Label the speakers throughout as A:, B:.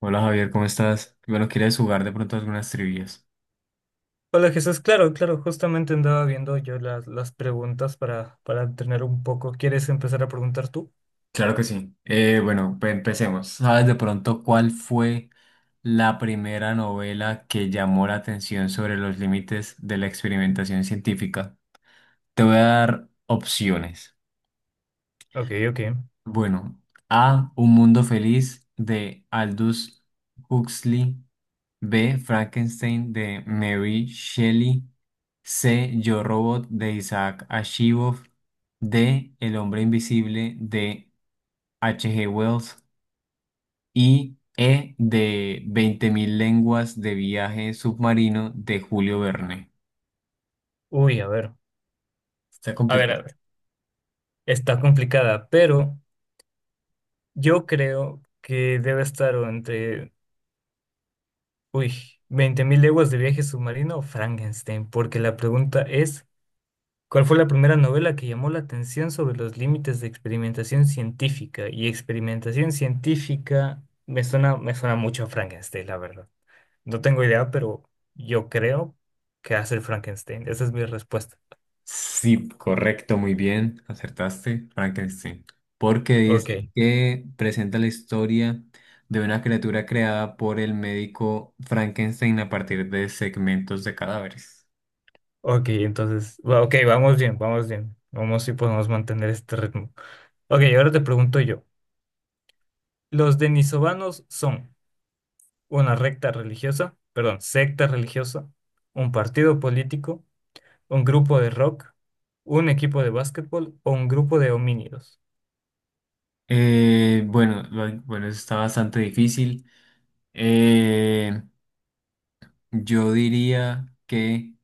A: Hola Javier, ¿cómo estás? Bueno, ¿quieres jugar de pronto algunas trivias?
B: Hola Jesús, claro, claro, justamente andaba viendo yo las preguntas para tener un poco. ¿Quieres empezar a preguntar tú?
A: Claro que sí. Empecemos. ¿Sabes de pronto cuál fue la primera novela que llamó la atención sobre los límites de la experimentación científica? Te voy a dar opciones.
B: Ok, ok.
A: Bueno, A, Un mundo feliz de Aldous Huxley. B. Frankenstein de Mary Shelley. C. Yo Robot de Isaac Asimov. D. El hombre invisible de H. G. Wells. Y E. De 20.000 lenguas de viaje submarino de Julio Verne.
B: Uy, a ver,
A: Está
B: a ver,
A: complicado.
B: a ver. Está complicada, pero yo creo que debe estar o entre, uy, veinte mil leguas de viaje submarino o Frankenstein, porque la pregunta es, ¿cuál fue la primera novela que llamó la atención sobre los límites de experimentación científica? Y experimentación científica me suena mucho a Frankenstein, la verdad. No tengo idea, pero yo creo que hace el Frankenstein. Esa es mi respuesta.
A: Sí, correcto, muy bien, acertaste, Frankenstein. Porque dice
B: Ok,
A: que presenta la historia de una criatura creada por el médico Frankenstein a partir de segmentos de cadáveres.
B: ok, entonces, ok, vamos bien, vamos bien. Vamos si podemos mantener este ritmo. Ok, ahora te pregunto yo. Los denisovanos son una recta religiosa, perdón, secta religiosa, un partido político, un grupo de rock, un equipo de básquetbol o un grupo de homínidos.
A: Bueno, eso está bastante difícil. Eh, yo diría que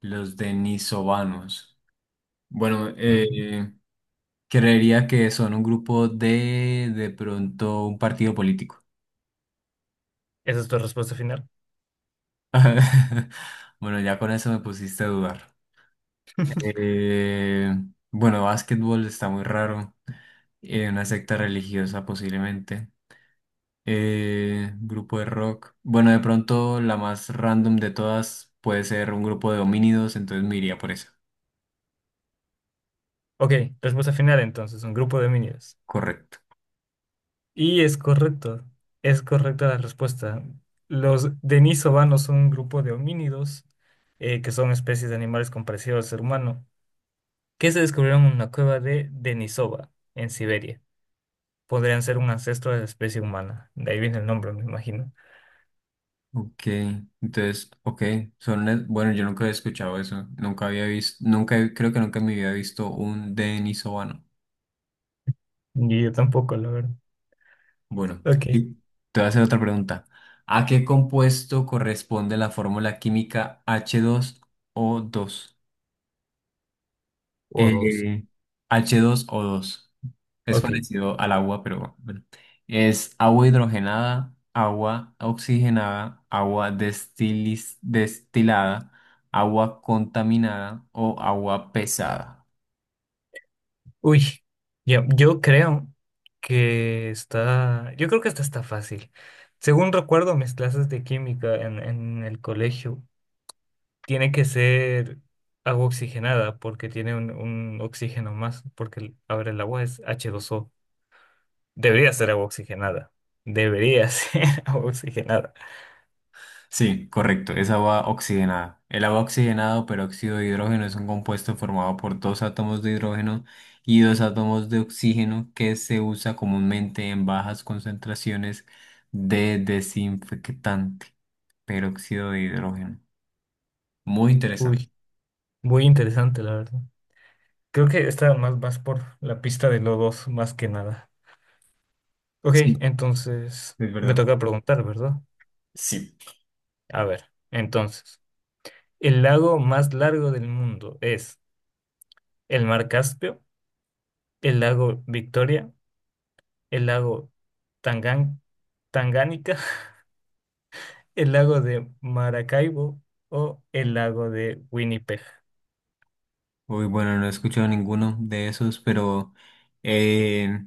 A: los denisovanos. Bueno,
B: Ujú.
A: creería que son un grupo de pronto, un partido político.
B: ¿Esa es tu respuesta final?
A: Bueno, ya con eso me pusiste a dudar. Eh, bueno, básquetbol está muy raro. Una secta religiosa posiblemente. Grupo de rock. Bueno, de pronto la más random de todas puede ser un grupo de homínidos, entonces me iría por eso.
B: Ok, respuesta final entonces, un grupo de homínidos.
A: Correcto.
B: Y es correcto, es correcta la respuesta. Los denisovanos son un grupo de homínidos, que son especies de animales con parecido al ser humano, que se descubrieron en una cueva de Denisova, en Siberia. Podrían ser un ancestro de la especie humana. De ahí viene el nombre, me imagino.
A: Ok, entonces, ok, son, bueno, yo nunca había escuchado eso, nunca había visto, nunca, creo que nunca en mi vida he visto un denisovano.
B: Y yo tampoco, la verdad.
A: Bueno,
B: Ok.
A: y te voy a hacer otra pregunta. ¿A qué compuesto corresponde la fórmula química h dos o dos?
B: O dos.
A: Eh, h dos o dos. Es
B: Ok.
A: parecido al agua, pero bueno. Es agua hidrogenada, agua oxigenada, destilada, agua contaminada o agua pesada.
B: Uy, yo creo que está. Yo creo que esta está fácil. Según recuerdo mis clases de química en el colegio, tiene que ser agua oxigenada porque tiene un oxígeno más, porque ahora el agua es H2O. Debería ser agua oxigenada. Debería ser agua oxigenada.
A: Sí, correcto, es agua oxigenada. El agua oxigenada o peróxido de hidrógeno es un compuesto formado por dos átomos de hidrógeno y dos átomos de oxígeno que se usa comúnmente en bajas concentraciones de desinfectante, peróxido de hidrógeno. Muy interesante.
B: Uy, muy interesante, la verdad. Creo que está más por la pista de lodos, más que nada. Ok,
A: Sí,
B: entonces
A: es
B: me
A: verdad.
B: toca preguntar, ¿verdad?
A: Sí.
B: A ver, entonces, ¿el lago más largo del mundo es el mar Caspio, el lago Victoria, el lago Tangan Tangánica, el lago de Maracaibo o el lago de Winnipeg?
A: Uy, bueno, no he escuchado ninguno de esos, pero eh,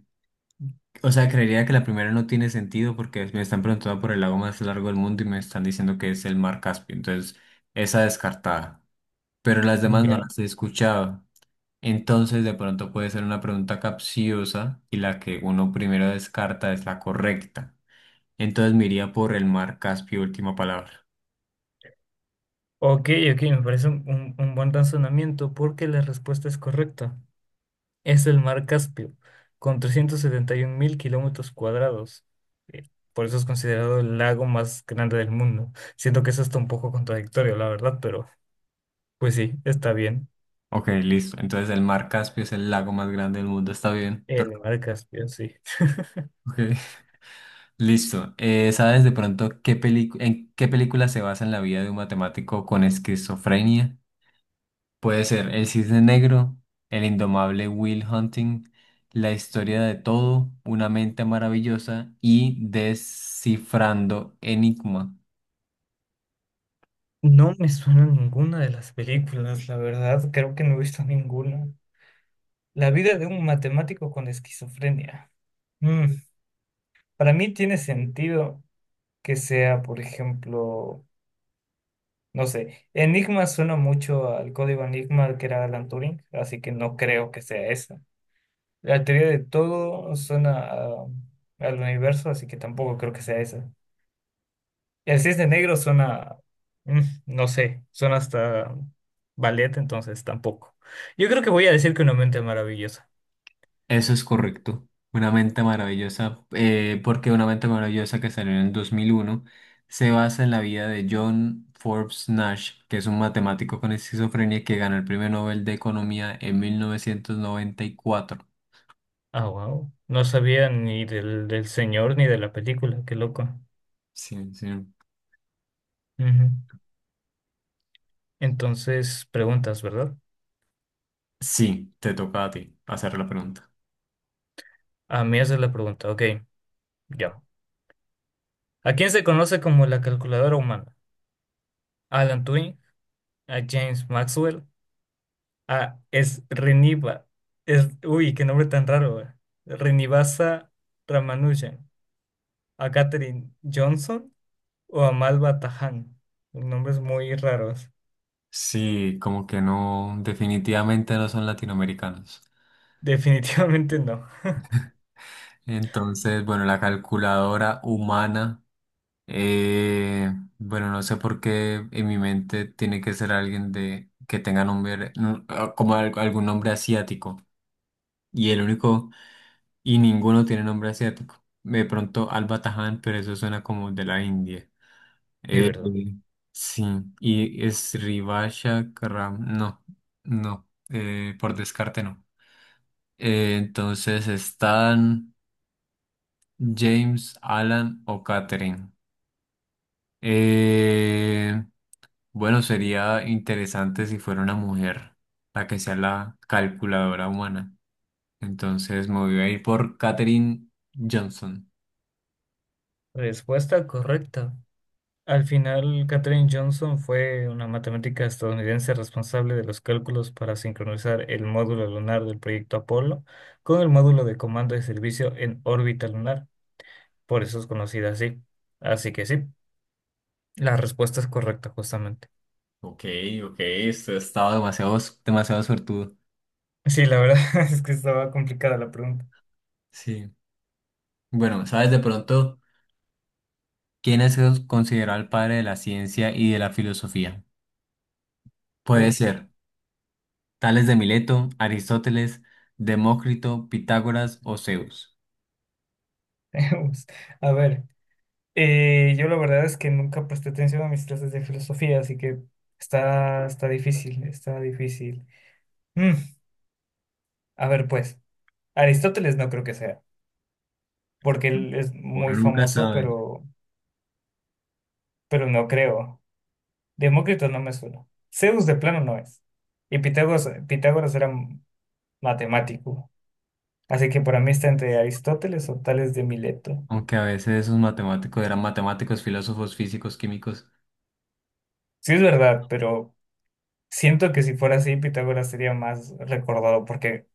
A: o sea, creería que la primera no tiene sentido porque me están preguntando por el lago más largo del mundo y me están diciendo que es el mar Caspio. Entonces, esa descartada. Pero las demás no
B: Ya.
A: las he escuchado. Entonces, de pronto puede ser una pregunta capciosa y la que uno primero descarta es la correcta. Entonces, me iría por el mar Caspio, última palabra.
B: Ok, ok, me parece un buen razonamiento porque la respuesta es correcta. Es el mar Caspio, con 371 mil kilómetros cuadrados. Eh, Por eso es considerado el lago más grande del mundo. Siento que eso está un poco contradictorio, la verdad, pero pues sí, está bien.
A: Ok, listo. Entonces, el mar Caspio es el lago más grande del mundo. Está bien.
B: El mar Caspio, sí.
A: Pero, ok. Listo. ¿Sabes de pronto en qué película se basa en la vida de un matemático con esquizofrenia? Puede ser El Cisne Negro, El Indomable Will Hunting, La Historia de Todo, Una Mente Maravillosa y Descifrando Enigma.
B: No me suena ninguna de las películas, la verdad, creo que no he visto ninguna. La vida de un matemático con esquizofrenia. Mm, para mí tiene sentido que sea, por ejemplo, no sé, Enigma suena mucho al código Enigma que era Alan Turing, así que no creo que sea esa. La teoría de todo suena al universo, así que tampoco creo que sea esa. El cisne negro suena, mm, no sé, suena hasta ballet, entonces tampoco. Yo creo que voy a decir que una mente maravillosa.
A: Eso es correcto. Una mente maravillosa, porque una mente maravillosa que salió en el 2001 se basa en la vida de John Forbes Nash, que es un matemático con esquizofrenia que ganó el Premio Nobel de Economía en 1994.
B: Ah, wow. No sabía ni del señor ni de la película, qué loco.
A: Sí, sí.
B: Ujú. Entonces, preguntas, ¿verdad?
A: Sí, te toca a ti hacer la pregunta.
B: A mí esa es la pregunta, ok, ya. ¿A quién se conoce como la calculadora humana? Alan Turing, a James Maxwell, a Srinivas, es, uy, qué nombre tan raro, güey. Srinivasa Ramanujan, a Katherine Johnson o a Malva Tahan. Los nombres muy raros.
A: Sí, como que no, definitivamente no son latinoamericanos.
B: Definitivamente no.
A: Entonces, bueno, la calculadora humana. Bueno, no sé por qué en mi mente tiene que ser alguien de que tenga nombre mm, ah, algún nombre asiático. Y el único, y ninguno tiene nombre asiático. De pronto Alba Taján, pero eso suena como de la India.
B: Sí,
A: Eh,
B: ¿verdad?
A: sí, y es Rivasha Karam. No, no, por descarte no. Entonces están James, Alan o Catherine. Bueno, sería interesante si fuera una mujer, la que sea la calculadora humana. Entonces me voy a ir por Katherine Johnson.
B: Respuesta correcta. Al final, Katherine Johnson fue una matemática estadounidense responsable de los cálculos para sincronizar el módulo lunar del proyecto Apolo con el módulo de comando de servicio en órbita lunar. Por eso es conocida así. Así que sí, la respuesta es correcta justamente.
A: Ok, ok, esto estaba demasiado, demasiado suertudo.
B: Sí, la verdad es que estaba complicada la pregunta.
A: Sí. Bueno, ¿sabes de pronto quién es considerado el padre de la ciencia y de la filosofía? Puede
B: Uy,
A: ser Tales de Mileto, Aristóteles, Demócrito, Pitágoras o Zeus.
B: tenemos- a ver, yo la verdad es que nunca presté atención a mis clases de filosofía, así que está difícil, está difícil. Mm, a ver, pues, Aristóteles no creo que sea, porque él es
A: Uno
B: muy
A: nunca
B: famoso,
A: sabe.
B: pero no creo. Demócrito no me suena. Zeus de plano no es. Y Pitágoras, Pitágoras era matemático. Así que para mí está entre Aristóteles o Tales de Mileto.
A: Aunque a veces esos matemáticos eran matemáticos, filósofos, físicos, químicos.
B: Sí es verdad, pero siento que si fuera así, Pitágoras sería más recordado, porque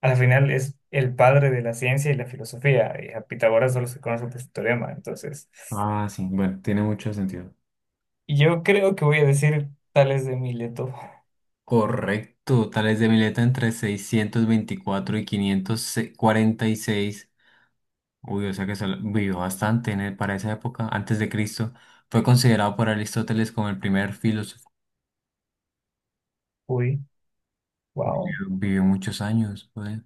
B: al final es el padre de la ciencia y la filosofía, y a Pitágoras solo se conoce por su teorema. Entonces,
A: Ah, sí, bueno, tiene mucho sentido.
B: yo creo que voy a decir Tales de Mileto.
A: Correcto, Tales de Mileto entre 624 y 546. Uy, o sea que vivió bastante en para esa época, antes de Cristo. Fue considerado por Aristóteles como el primer filósofo.
B: Uy,
A: Vivió,
B: wow.
A: vivió muchos años, joder.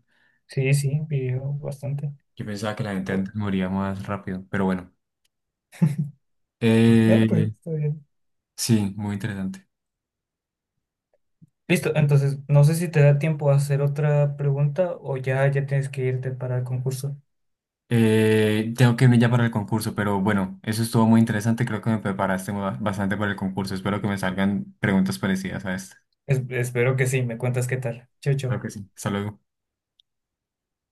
B: Sí, sí, vivió bastante.
A: Yo pensaba que la gente
B: Oh,
A: antes moría más rápido, pero bueno.
B: no, pues
A: Eh,
B: está bien.
A: sí, muy interesante.
B: Listo, entonces no sé si te da tiempo a hacer otra pregunta o ya, ya tienes que irte para el concurso.
A: Tengo que irme ya para el concurso, pero bueno, eso estuvo muy interesante. Creo que me preparaste bastante para el concurso. Espero que me salgan preguntas parecidas a esta.
B: Espero que sí, me cuentas qué tal. Chau,
A: Claro
B: chau.
A: que sí. Hasta luego.